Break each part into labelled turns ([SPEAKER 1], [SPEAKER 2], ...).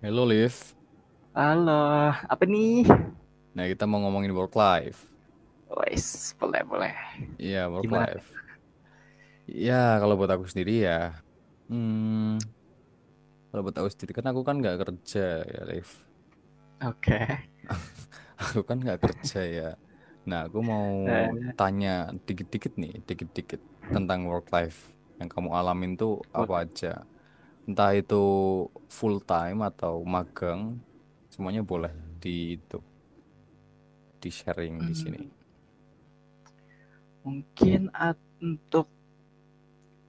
[SPEAKER 1] Hello Liv,
[SPEAKER 2] Halo, apa nih?
[SPEAKER 1] nah kita mau ngomongin work life.
[SPEAKER 2] Wes, boleh boleh.
[SPEAKER 1] Iya work
[SPEAKER 2] Gimana?
[SPEAKER 1] life. Iya, kalau buat aku sendiri ya, hmm, kalau buat aku sendiri kan aku kan nggak kerja ya Liv.
[SPEAKER 2] Oke,
[SPEAKER 1] Aku kan nggak kerja ya. Nah aku mau
[SPEAKER 2] nah,
[SPEAKER 1] tanya dikit-dikit nih, dikit-dikit tentang work life yang kamu alamin tuh apa
[SPEAKER 2] boleh.
[SPEAKER 1] aja. Entah itu full time atau magang, semuanya boleh di itu di sharing di sini.
[SPEAKER 2] Mmm, mungkin at untuk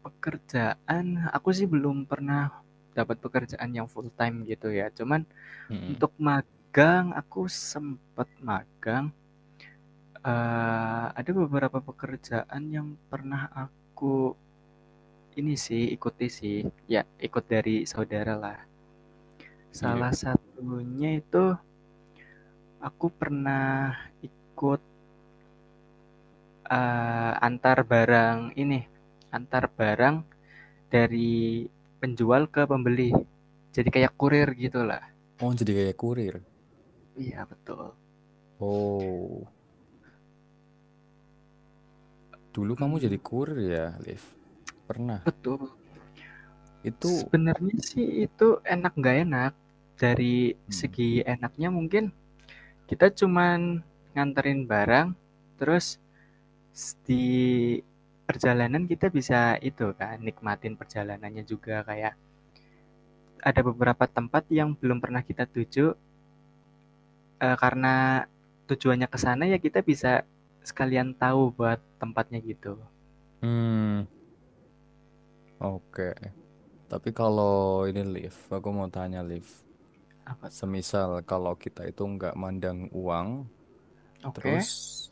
[SPEAKER 2] pekerjaan, aku sih belum pernah dapat pekerjaan yang full time gitu ya. Cuman
[SPEAKER 1] Mm-mm.
[SPEAKER 2] untuk magang, aku sempat magang, ada beberapa pekerjaan yang pernah aku ini sih, ikuti sih, ya ikut dari saudara lah.
[SPEAKER 1] Iya.
[SPEAKER 2] Salah satunya itu aku pernah ikut antar barang ini, antar barang dari penjual ke pembeli. Jadi kayak kurir gitulah.
[SPEAKER 1] Oh jadi kayak kurir.
[SPEAKER 2] Iya, betul.
[SPEAKER 1] Oh, dulu kamu jadi
[SPEAKER 2] Mmm,
[SPEAKER 1] kurir ya, Liv? Pernah.
[SPEAKER 2] betul.
[SPEAKER 1] Itu,
[SPEAKER 2] Sebenarnya sih itu enak nggak enak. Dari
[SPEAKER 1] Hmm.
[SPEAKER 2] segi enaknya mungkin kita cuman nganterin barang, terus di perjalanan kita bisa itu kan, nikmatin perjalanannya juga, kayak ada beberapa tempat yang belum pernah kita tuju eh, karena tujuannya ke sana ya kita bisa sekalian tahu buat tempatnya gitu.
[SPEAKER 1] Hmm, oke. Tapi kalau ini Liv, aku mau tanya Liv.
[SPEAKER 2] Apa tuh?
[SPEAKER 1] Semisal kalau kita itu nggak mandang uang,
[SPEAKER 2] Oke,
[SPEAKER 1] terus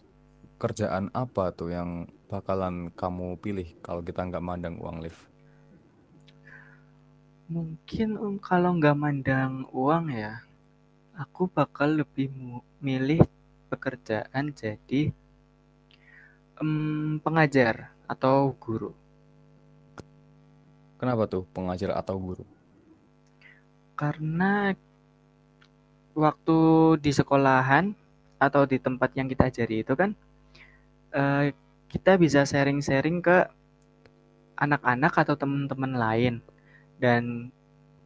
[SPEAKER 1] kerjaan apa tuh yang bakalan kamu pilih kalau kita nggak mandang uang, Liv?
[SPEAKER 2] mungkin kalau nggak mandang uang ya, aku bakal lebih milih pekerjaan jadi pengajar atau guru.
[SPEAKER 1] Kenapa tuh, pengajar atau guru?
[SPEAKER 2] Karena waktu di sekolahan atau di tempat yang kita ajari itu kan eh, kita bisa sharing-sharing ke anak-anak atau teman-teman lain dan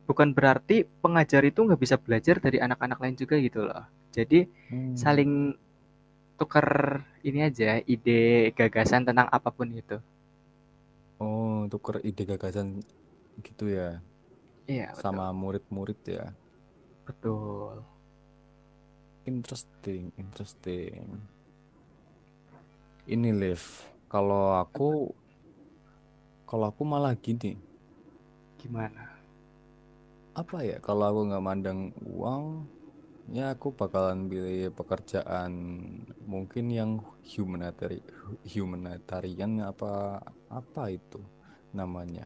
[SPEAKER 2] bukan berarti pengajar itu nggak bisa belajar dari anak-anak lain juga gitu loh. Jadi
[SPEAKER 1] Hmm.
[SPEAKER 2] saling tukar ini aja ide gagasan tentang apapun itu.
[SPEAKER 1] Oh, tuker ide gagasan gitu ya,
[SPEAKER 2] Iya
[SPEAKER 1] sama
[SPEAKER 2] betul
[SPEAKER 1] murid-murid ya.
[SPEAKER 2] betul.
[SPEAKER 1] Interesting, interesting. Ini Liv, kalau aku kalau aku malah gini,
[SPEAKER 2] Gimana?
[SPEAKER 1] apa ya? Kalau aku nggak mandang uang, ya aku bakalan pilih pekerjaan mungkin yang humanitarian, humanitarian apa apa itu namanya.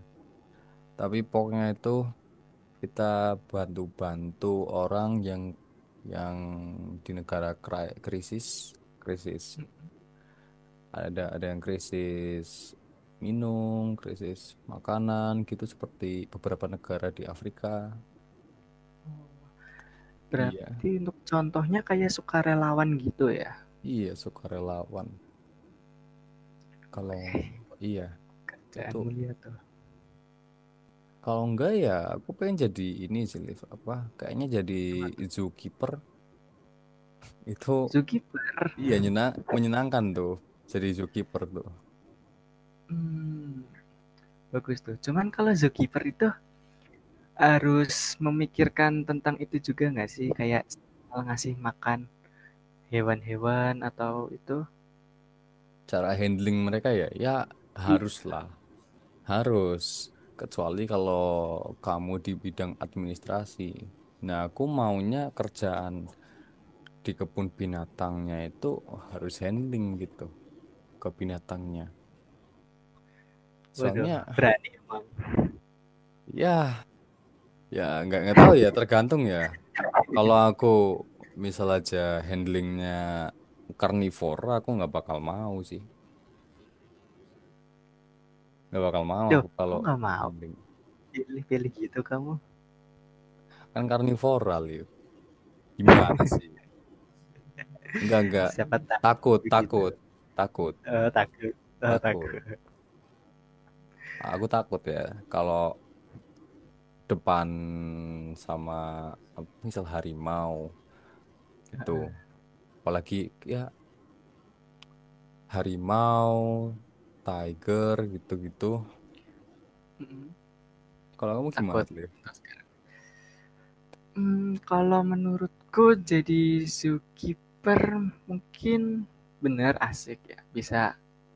[SPEAKER 1] Tapi pokoknya itu kita bantu-bantu orang yang di negara krisis krisis. Ada yang krisis minum, krisis makanan gitu seperti beberapa negara di Afrika. Iya,
[SPEAKER 2] Berarti untuk contohnya kayak sukarelawan gitu ya.
[SPEAKER 1] iya sukarelawan. Kalau
[SPEAKER 2] Weh,
[SPEAKER 1] iya itu
[SPEAKER 2] kerjaan mulia tuh.
[SPEAKER 1] kalau enggak ya aku pengen jadi ini sih Liv apa kayaknya jadi
[SPEAKER 2] Coba tuh.
[SPEAKER 1] zookeeper itu
[SPEAKER 2] Zookeeper.
[SPEAKER 1] iya nyena menyenangkan tuh jadi zookeeper tuh.
[SPEAKER 2] Hmm, bagus tuh. Cuman kalau zookeeper itu harus memikirkan tentang itu juga nggak sih? Kayak ngasih makan hewan-hewan atau itu?
[SPEAKER 1] Cara handling mereka ya ya harus
[SPEAKER 2] Iya.
[SPEAKER 1] lah. Harus, kecuali kalau kamu di bidang administrasi. Nah, aku maunya kerjaan di kebun binatangnya itu harus handling gitu ke binatangnya.
[SPEAKER 2] Waduh,
[SPEAKER 1] Soalnya
[SPEAKER 2] berani emang.
[SPEAKER 1] ya ya nggak tahu ya tergantung ya. Kalau aku misal aja handlingnya karnivora, aku nggak bakal mau sih. Nggak bakal mau
[SPEAKER 2] Duh,
[SPEAKER 1] aku kalau
[SPEAKER 2] kok nggak mau
[SPEAKER 1] handling
[SPEAKER 2] pilih-pilih gitu kamu?
[SPEAKER 1] kan karnivora, Liu. Gimana sih? Nggak
[SPEAKER 2] Siapa
[SPEAKER 1] takut
[SPEAKER 2] tahu begitu.
[SPEAKER 1] takut takut
[SPEAKER 2] Takut
[SPEAKER 1] takut.
[SPEAKER 2] takut.
[SPEAKER 1] Aku takut ya kalau depan sama apa, misal harimau gitu. Apalagi ya harimau, tiger gitu-gitu.
[SPEAKER 2] Mhm,
[SPEAKER 1] Kalau kamu gimana
[SPEAKER 2] takut.
[SPEAKER 1] tuh, Liv?
[SPEAKER 2] Entah sekarang. Kalau menurutku jadi zookeeper mungkin bener asik ya, bisa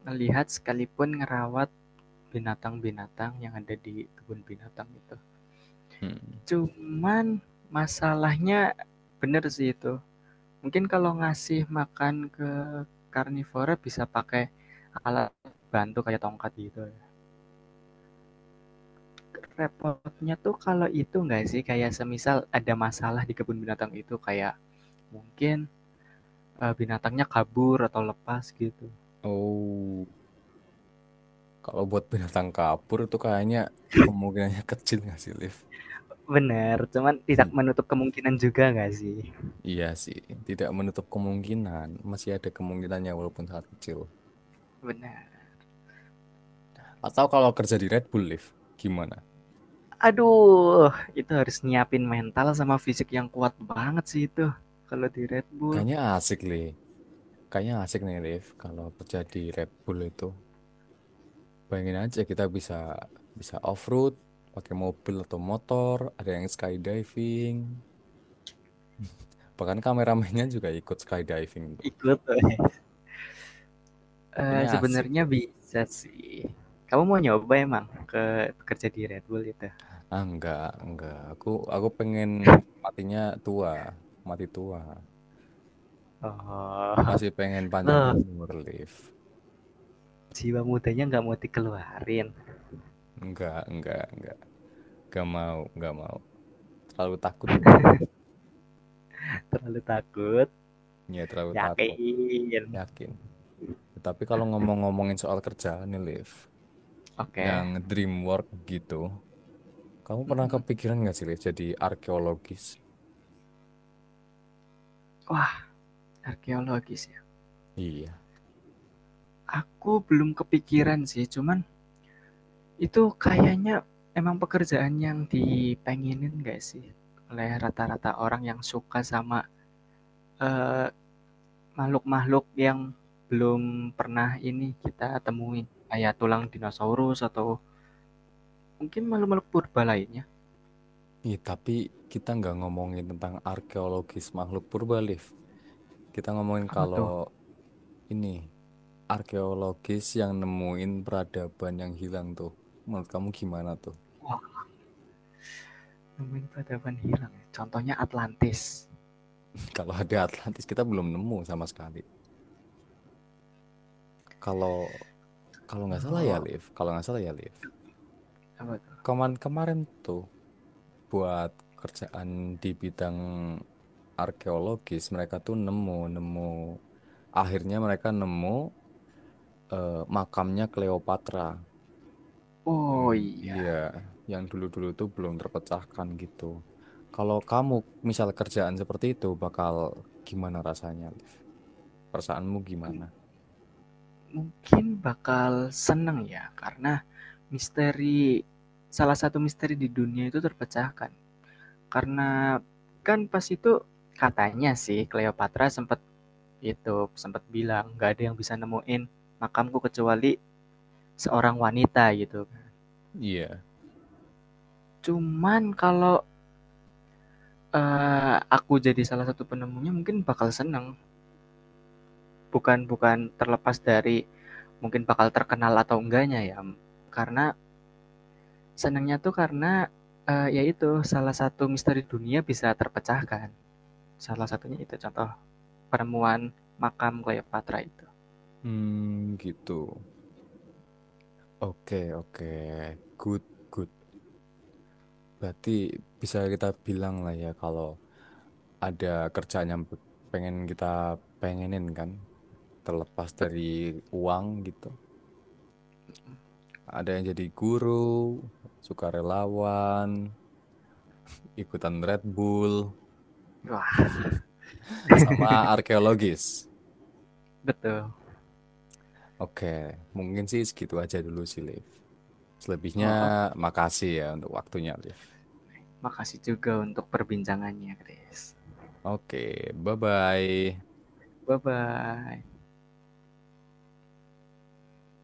[SPEAKER 2] melihat sekalipun ngerawat binatang-binatang yang ada di kebun binatang itu.
[SPEAKER 1] Hmm.
[SPEAKER 2] Cuman masalahnya bener sih itu, mungkin kalau ngasih makan ke karnivora bisa pakai alat bantu kayak tongkat gitu ya. Repotnya tuh kalau itu nggak sih kayak semisal ada masalah di kebun binatang itu kayak mungkin eh, binatangnya kabur atau lepas gitu.
[SPEAKER 1] Oh, kalau buat binatang kapur itu kayaknya kemungkinannya kecil nggak sih, Liv?
[SPEAKER 2] Bener, cuman tidak menutup kemungkinan juga nggak sih?
[SPEAKER 1] Iya, Iya sih, tidak menutup kemungkinan. Masih ada kemungkinannya walaupun sangat kecil.
[SPEAKER 2] Bener.
[SPEAKER 1] Atau kalau kerja di Red Bull, Liv, gimana?
[SPEAKER 2] Aduh, itu harus nyiapin mental sama fisik yang kuat banget sih itu kalau di Red Bull.
[SPEAKER 1] Kayaknya asik, Liv. Kayaknya asik nih, Liv. Kalau kerja di Red Bull itu, bayangin aja kita bisa bisa off-road, pakai mobil atau motor, ada yang skydiving, bahkan kameramennya juga ikut skydiving tuh.
[SPEAKER 2] Ikut.
[SPEAKER 1] Kayaknya asik
[SPEAKER 2] Sebenarnya
[SPEAKER 1] tuh.
[SPEAKER 2] bisa sih. Kamu mau nyoba emang ke kerja di Red Bull itu?
[SPEAKER 1] Ah, enggak, enggak. Aku pengen matinya tua, mati tua. Aku
[SPEAKER 2] Oh,
[SPEAKER 1] masih pengen panjang
[SPEAKER 2] loh
[SPEAKER 1] umur, Liv.
[SPEAKER 2] jiwa mudanya nggak mau dikeluarin,
[SPEAKER 1] Enggak, enggak. Enggak mau, enggak mau. Terlalu takut,
[SPEAKER 2] terlalu takut?
[SPEAKER 1] ya terlalu takut.
[SPEAKER 2] Yakin.
[SPEAKER 1] Yakin. Tapi kalau ngomong-ngomongin soal kerjaan nih, Liv, yang
[SPEAKER 2] Oke,
[SPEAKER 1] dream work gitu. Kamu pernah
[SPEAKER 2] mhm.
[SPEAKER 1] kepikiran nggak sih, Liv, jadi arkeologis?
[SPEAKER 2] Wah, arkeologis ya?
[SPEAKER 1] Iya.
[SPEAKER 2] Aku belum kepikiran sih, cuman itu kayaknya emang pekerjaan yang dipengenin nggak sih oleh rata-rata orang yang suka sama, eee, makhluk-makhluk yang belum pernah ini kita temuin, kayak tulang dinosaurus atau mungkin makhluk-makhluk purba lainnya.
[SPEAKER 1] Iya, tapi kita nggak ngomongin tentang arkeologis makhluk purba, Liv. Kita ngomongin
[SPEAKER 2] Apa
[SPEAKER 1] kalau
[SPEAKER 2] tuh?
[SPEAKER 1] ini, arkeologis yang nemuin peradaban yang hilang tuh. Menurut kamu gimana tuh?
[SPEAKER 2] Wah, nemuin peradaban hilang ya. Contohnya Atlantis.
[SPEAKER 1] Kalau ada Atlantis, kita belum nemu sama sekali. Kalau kalau nggak salah ya,
[SPEAKER 2] Oh,
[SPEAKER 1] Liv. Kalau nggak salah ya, Liv.
[SPEAKER 2] apa tuh?
[SPEAKER 1] Kemarin-kemarin tuh buat kerjaan di bidang arkeologis mereka tuh nemu nemu akhirnya mereka nemu makamnya Cleopatra. Hmm,
[SPEAKER 2] Oh
[SPEAKER 1] iya,
[SPEAKER 2] iya,
[SPEAKER 1] yang dulu-dulu tuh belum terpecahkan gitu. Kalau kamu misal kerjaan seperti itu bakal gimana rasanya, Liv? Perasaanmu
[SPEAKER 2] M-
[SPEAKER 1] gimana?
[SPEAKER 2] mungkin bakal seneng ya karena misteri salah satu misteri di dunia itu terpecahkan. Karena kan pas itu katanya sih Cleopatra sempet itu, sempet bilang, "Nggak ada yang bisa nemuin makamku kecuali seorang wanita," gitu.
[SPEAKER 1] Iya.
[SPEAKER 2] Cuman kalau, aku jadi salah satu penemunya mungkin bakal seneng. Bukan bukan terlepas dari mungkin bakal terkenal atau enggaknya ya, karena senengnya tuh karena, ya salah satu misteri dunia bisa terpecahkan. Salah satunya itu contoh penemuan makam Cleopatra itu.
[SPEAKER 1] Hmm, gitu, oke oke, good, good. Berarti bisa kita bilang lah ya kalau ada kerjaan yang pengen kita pengenin kan terlepas dari uang gitu. Ada yang jadi guru, sukarelawan, ikutan Red Bull,
[SPEAKER 2] Wah,
[SPEAKER 1] sama arkeologis.
[SPEAKER 2] betul.
[SPEAKER 1] Oke, mungkin sih segitu aja dulu sih, Liv. Selebihnya
[SPEAKER 2] Oh, oke. Okay.
[SPEAKER 1] makasih ya untuk waktunya, Liv.
[SPEAKER 2] Makasih juga untuk perbincangannya, Chris.
[SPEAKER 1] Oke, bye-bye.
[SPEAKER 2] Bye-bye.